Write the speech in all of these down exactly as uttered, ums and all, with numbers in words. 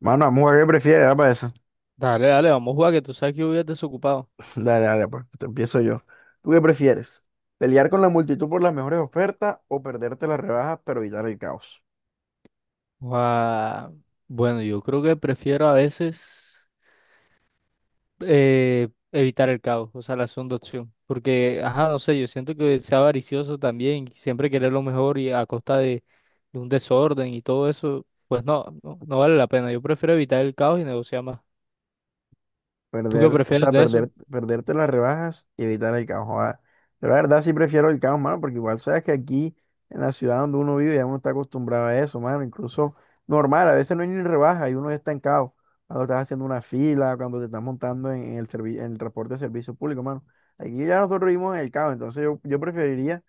Mano, vamos a jugar qué prefieres, va para eso. Dale, dale, vamos a jugar, que tú sabes que yo voy a desocupado. Dale, dale, pues, te empiezo yo. ¿Tú qué prefieres? ¿Pelear con la multitud por las mejores ofertas o perderte las rebajas pero evitar el caos? Ah, bueno, yo creo que prefiero a veces eh, evitar el caos, o sea, la segunda opción. Porque, ajá, no sé, yo siento que sea avaricioso también, y siempre querer lo mejor y a costa de, de un desorden y todo eso, pues no, no, no vale la pena. Yo prefiero evitar el caos y negociar más. ¿Tú qué Perder, o prefieres sea, de eso? perder, perderte las rebajas y evitar el caos. Joda. Yo la verdad sí prefiero el caos, mano, porque igual sabes que aquí en la ciudad donde uno vive ya uno está acostumbrado a eso, mano. Incluso normal, a veces no hay ni rebaja y uno ya está en caos. Cuando estás haciendo una fila, cuando te estás montando en el, servi- en el transporte de servicio público, mano. Aquí ya nosotros vivimos en el caos, entonces yo, yo preferiría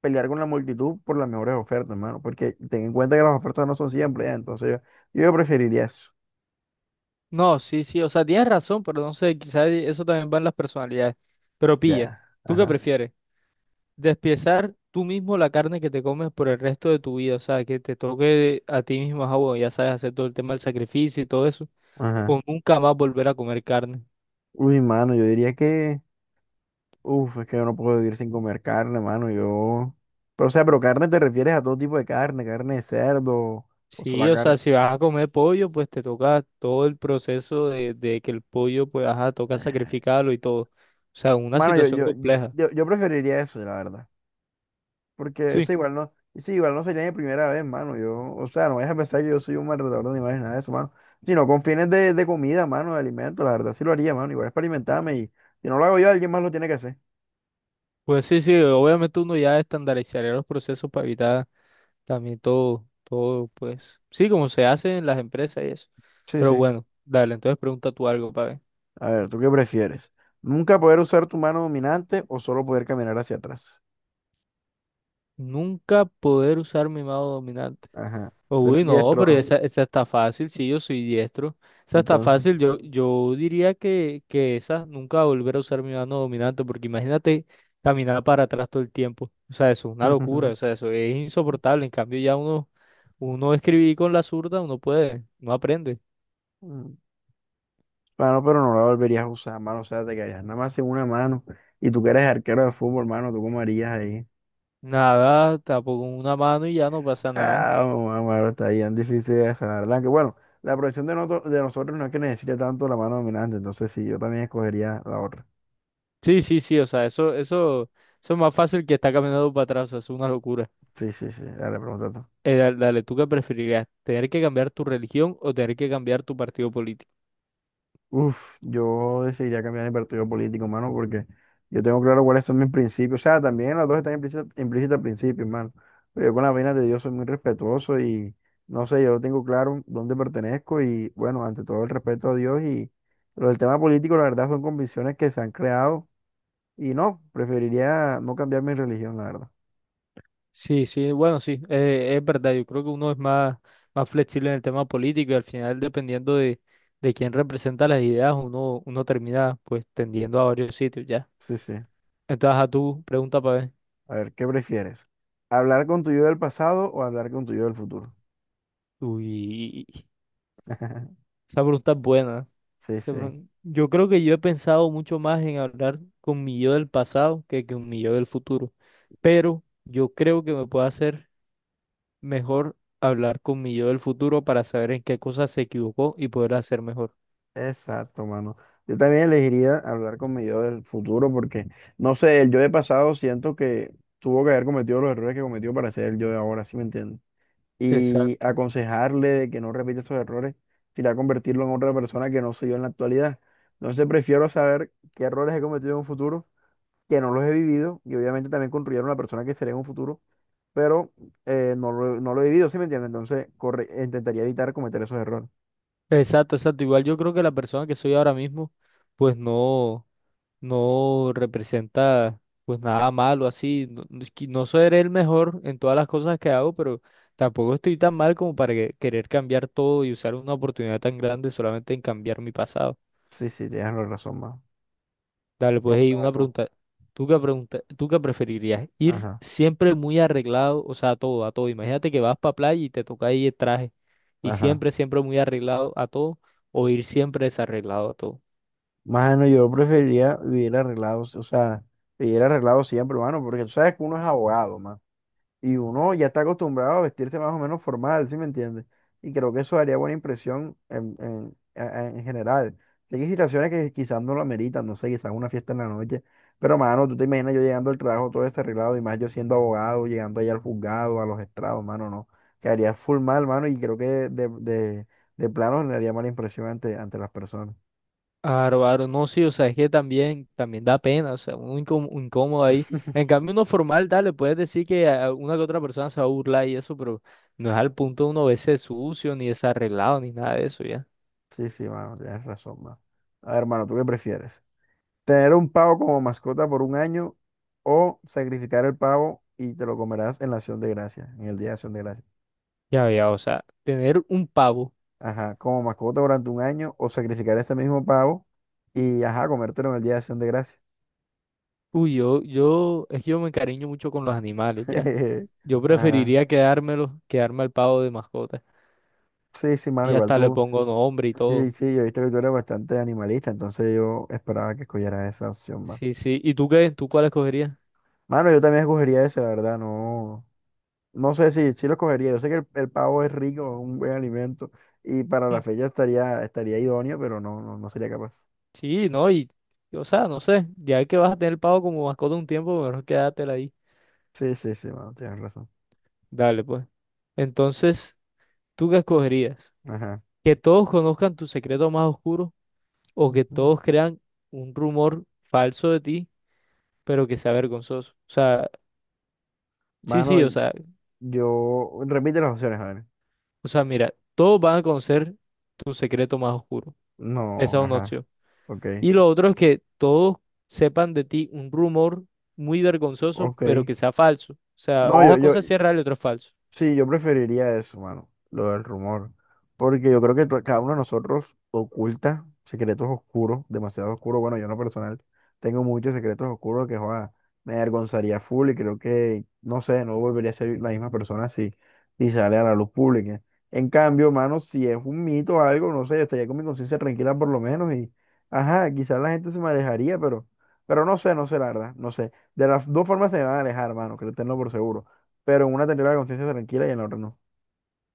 pelear con la multitud por las mejores ofertas, hermano, porque ten en cuenta que las ofertas no son siempre, ya, entonces yo, yo preferiría eso. No, sí, sí, o sea, tienes razón, pero no sé, quizás eso también va en las personalidades. Pero pilla, Ya, ¿tú qué ajá, prefieres? Despiezar tú mismo la carne que te comes por el resto de tu vida, o sea, que te toque a ti mismo, ah, bueno, ya sabes, hacer todo el tema del sacrificio y todo eso, ajá. o nunca más volver a comer carne. Uy, mano, yo diría que, uf, es que yo no puedo vivir sin comer carne, mano, yo... Pero, o sea, pero carne te refieres a todo tipo de carne, ¿carne de cerdo o Sí, sola o sea, carne? si vas a comer pollo, pues te toca todo el proceso de, de que el pollo, pues, ajá, toca sacrificarlo y todo. O sea, una Mano, yo, situación yo, compleja. yo, yo preferiría eso, la verdad. Porque eso Sí, igual no, eso igual no sería mi primera vez, mano. Yo, o sea, no vayas a pensar que yo soy un maltratador de animales, nada de eso, mano. Sino con fines de, de comida, mano, de alimento, la verdad sí lo haría, mano. Igual es para alimentarme y si no lo hago yo, alguien más lo tiene que hacer. pues sí, sí, obviamente uno ya estandarizaría los procesos para evitar también todo, todo, pues, sí, como se hace en las empresas y eso. Sí, Pero sí. bueno, dale, entonces pregunta tú algo, para A ver, ¿tú qué prefieres? ¿Nunca poder usar tu mano dominante o solo poder caminar hacia atrás? nunca poder usar mi mano dominante. Ajá. Tú eres Uy, no, pero diestro, esa, esa está fácil, sí, yo soy diestro. Esa está entonces. fácil, yo, yo diría que, que esa nunca volver a usar mi mano dominante, porque imagínate caminar para atrás todo el tiempo. O sea, eso es una locura, o sea, eso es insoportable. En cambio, ya uno, uno escribir con la zurda, uno puede, no aprende. Mm. Mano, pero no la volverías a usar, mano. O sea, te quedarías nada más en una mano. Y tú que eres arquero de fútbol, mano, ¿tú cómo harías ahí? Nada, tampoco una mano y ya no pasa nada. Ah, mamá, está bien difícil esa, la verdad. Que bueno, la profesión de, noto- de nosotros no es que necesite tanto la mano dominante, entonces sí, yo también escogería la otra. Sí, sí, sí, o sea, eso, eso, eso es más fácil que estar caminando para atrás, o sea, es una locura. Sí, sí, sí, dale, pregunta tú. Eh, dale, dale, ¿tú qué preferirías? ¿Tener que cambiar tu religión o tener que cambiar tu partido político? Uf, yo decidiría cambiar mi partido político, mano, porque yo tengo claro cuáles son mis principios. O sea, también las dos están implícitas implícitas principios, mano. Pero yo con las vainas de Dios soy muy respetuoso y no sé, yo tengo claro dónde pertenezco y bueno, ante todo el respeto a Dios y pero el tema político, la verdad, son convicciones que se han creado. Y no, preferiría no cambiar mi religión, la verdad. Sí, sí, bueno, sí, eh, es verdad. Yo creo que uno es más, más flexible en el tema político y al final, dependiendo de, de quién representa las ideas, uno, uno termina pues tendiendo a varios sitios ya. Sí, sí. Entonces, a tu pregunta para ver. A ver, ¿qué prefieres? ¿Hablar con tu yo del pasado o hablar con tu yo del futuro? Uy, esa pregunta es buena. ¿No? Sí, Esa sí. pregun- Yo creo que yo he pensado mucho más en hablar con mi yo del pasado que con mi yo del futuro. Pero yo creo que me puedo hacer. Mejor hablar con mi yo del futuro para saber en qué cosas se equivocó y poder hacer mejor. Exacto, mano. Yo también elegiría hablar con mi yo del futuro porque, no sé, el yo del pasado siento que tuvo que haber cometido los errores que cometió para ser el yo de ahora, ¿sí me entiendes? Y Exacto. aconsejarle de que no repita esos errores, irá a convertirlo en otra persona que no soy yo en la actualidad. Entonces prefiero saber qué errores he cometido en un futuro que no los he vivido y obviamente también construyeron la persona que seré en un futuro, pero eh, no lo, no lo he vivido, ¿sí me entiendes? Entonces, corre, intentaría evitar cometer esos errores. Exacto, exacto. Igual yo creo que la persona que soy ahora mismo, pues no, no representa pues nada malo así. No, no es que no seré el mejor en todas las cosas que hago, pero tampoco estoy tan mal como para que querer cambiar todo y usar una oportunidad tan grande solamente en cambiar mi pasado. Sí, sí, tienes la razón, más. Dale, pues hey Pregúntame una tú. pregunta. ¿Tú qué pregunta, tú qué preferirías? Ir Ajá, siempre muy arreglado, o sea, a todo, a todo. Imagínate que vas para playa y te toca ahí el traje y ajá. siempre, siempre muy arreglado a todo, o ir siempre desarreglado a todo. Mano, yo preferiría vivir arreglado, o sea, vivir arreglado siempre, mano, porque tú sabes que uno es abogado, mano. Y uno ya está acostumbrado a vestirse más o menos formal, ¿sí me entiendes? Y creo que eso daría buena impresión en, en, a- en general. Sí. Hay situaciones que quizás no lo ameritan, no sé, quizás una fiesta en la noche. Pero, mano, tú te imaginas yo llegando al trabajo todo desarreglado y más yo siendo abogado, llegando allá al juzgado, a los estrados, mano, no. Quedaría full mal, mano, y creo que de, de, de plano generaría mala impresión ante, ante las personas. Aro, aro, no, sí, o sea, es que también, también da pena, o sea, un incó- un incómodo ahí. En cambio, uno formal, dale, puedes decir que a una que otra persona se va a burlar y eso, pero no es al punto de uno verse sucio, ni desarreglado, ni nada de eso, ya. Sí, sí, mano, tienes razón, mano. A ver, mano, ¿tú qué prefieres? ¿Tener un pavo como mascota por un año o sacrificar el pavo y te lo comerás en la acción de gracias en el día de acción de gracias? Ya, ya, o sea, tener un pavo. Ajá, ¿como mascota durante un año o sacrificar ese mismo pavo y ajá, comértelo en el día de acción de gracias? Uy, yo, yo, es que yo me encariño mucho con los animales, ¿ya? Yo Ajá. preferiría quedármelos, quedarme al pavo de mascota. Sí, sí, mano, Y igual hasta le tú. pongo nombre y Sí, todo. sí, yo he visto que tú eres bastante animalista, entonces yo esperaba que escogiera esa opción, mano. Sí, sí. ¿Y tú qué? ¿Tú cuál escogerías? Mano, yo también escogería esa, la verdad, no. No sé si sí lo cogería. Yo sé que el, el pavo es rico, es un buen alimento y para la Hmm, fecha estaría, estaría idóneo, pero no, no, no sería capaz. sí, no, y, y, o sea, no sé. Ya que vas a tener el pavo como mascota un tiempo, mejor quédatela ahí. Sí, sí, sí, mano, tienes razón. Dale, pues. Entonces, ¿tú qué escogerías? Ajá. ¿Que todos conozcan tu secreto más oscuro o que Ujú. todos crean un rumor falso de ti, pero que sea vergonzoso? O sea, sí, Mano, sí, o y- sea, yo... Repite las opciones, a ver. O sea, mira, todos van a conocer tu secreto más oscuro. Esa No, es una ajá. opción. Ok, Y lo otro es que todos sepan de ti un rumor muy vergonzoso, ok. pero que sea falso. O sea, No, yo, una yo, cosa sí es real y otra es falso. Sí, yo preferiría eso, mano, lo del rumor, porque yo creo que to- cada uno de nosotros oculta secretos oscuros, demasiado oscuros. Bueno, yo en lo personal tengo muchos secretos oscuros que joda, me avergonzaría full y creo que, no sé, no volvería a ser la misma persona si, si sale a la luz pública. En cambio, mano, si es un mito o algo, no sé, yo estaría con mi conciencia tranquila por lo menos y, ajá, quizás la gente se me alejaría, pero, pero no sé, no sé, la verdad, no sé. De las dos formas se me van a alejar, mano, créetenlo por seguro. Pero en una tendría la conciencia tranquila y en la otra no.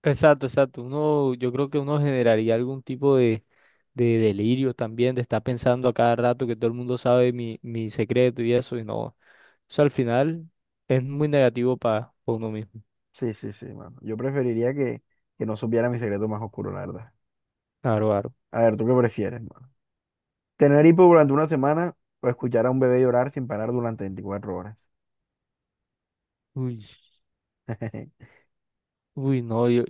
Exacto, exacto. Uno, yo creo que uno generaría algún tipo de, de delirio también, de estar pensando a cada rato que todo el mundo sabe mi, mi secreto y eso, y no. Eso al final es muy negativo para uno mismo. Sí, sí, sí, mano. Yo preferiría que, que no supiera mi secreto más oscuro, la verdad. Claro, claro. A ver, ¿tú qué prefieres, mano? ¿Tener hipo durante una semana o escuchar a un bebé llorar sin parar durante veinticuatro horas? Uy, no, yo,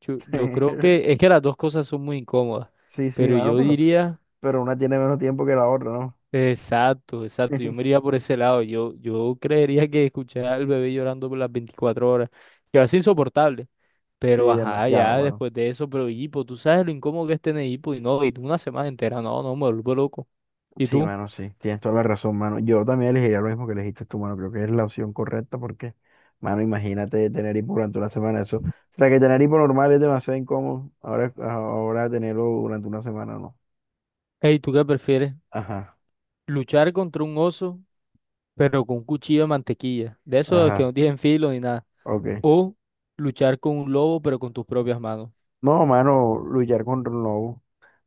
yo, yo creo que es que las dos cosas son muy incómodas, Sí, sí, pero mano, yo pero, diría, pero una tiene menos tiempo que la otra, ¿no? exacto, exacto, yo me iría por ese lado, yo, yo creería que escuchar al bebé llorando por las veinticuatro horas, que va a ser insoportable, Sí, pero ajá, demasiado, ya mano. después de eso, pero hipo, tú sabes lo incómodo que es tener hipo y no, y tú una semana entera, no, no, me vuelvo loco. ¿Y Sí, tú? mano, sí, tienes toda la razón, mano. Yo también elegiría lo mismo que elegiste tú, mano. Creo que es la opción correcta porque, mano, imagínate tener hipo durante una semana. Eso, o sea, que tener hipo normal es demasiado incómodo. Ahora, ahora tenerlo durante una semana, no. Ey, ¿tú qué prefieres? Ajá, ¿Luchar contra un oso, pero con un cuchillo de mantequilla, de esos que ajá, no tienen filo ni nada? ok. ¿O luchar con un lobo, pero con tus propias manos? No, mano, luchar contra un lobo.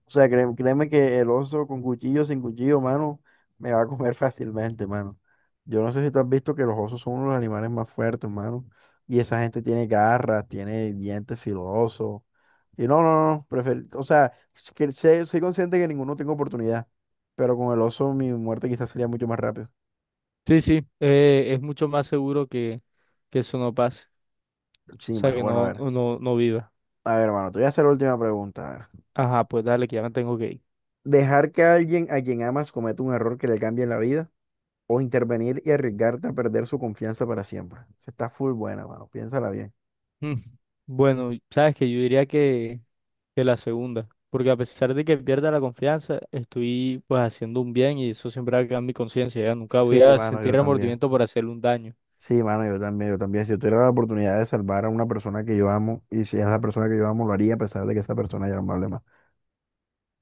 O sea, créeme, créeme que el oso con cuchillo, sin cuchillo, mano, me va a comer fácilmente, mano. Yo no sé si tú has visto que los osos son uno de los animales más fuertes, mano. Y esa gente tiene garras, tiene dientes filosos. Y no, no, no, prefer- o sea, que sé- soy consciente que ninguno tengo oportunidad, pero con el oso mi muerte quizás sería mucho más rápido. Sí, sí, eh, es mucho más seguro que, que eso no pase, o Sí, sea, mano, que bueno, no, a ver. no, no viva. A ver, mano, te voy a hacer la última pregunta. A ver. Ajá, pues dale, que ya me tengo que ir. ¿Dejar que alguien a quien amas cometa un error que le cambie la vida o intervenir y arriesgarte a perder su confianza para siempre? Se está full buena, mano, piénsala bien. Mm. Bueno, sabes que yo diría que, que la segunda, porque a pesar de que pierda la confianza, estoy pues haciendo un bien y eso siempre va a quedar en mi conciencia, ya nunca Sí, voy a mano, sentir yo también. remordimiento por hacerle un daño. Sí, mano, yo también, yo también. Si yo tuviera la oportunidad de salvar a una persona que yo amo y si es la persona que yo amo, lo haría a pesar de que esa persona ya no me hable más.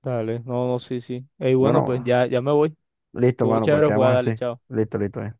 Dale, no, no, sí, sí. Ey, bueno, pues Bueno. ya, ya me voy. Listo, Tuvo mano, pues chévere quedamos jugar, dale, así. chao. Listo, listo. Eh.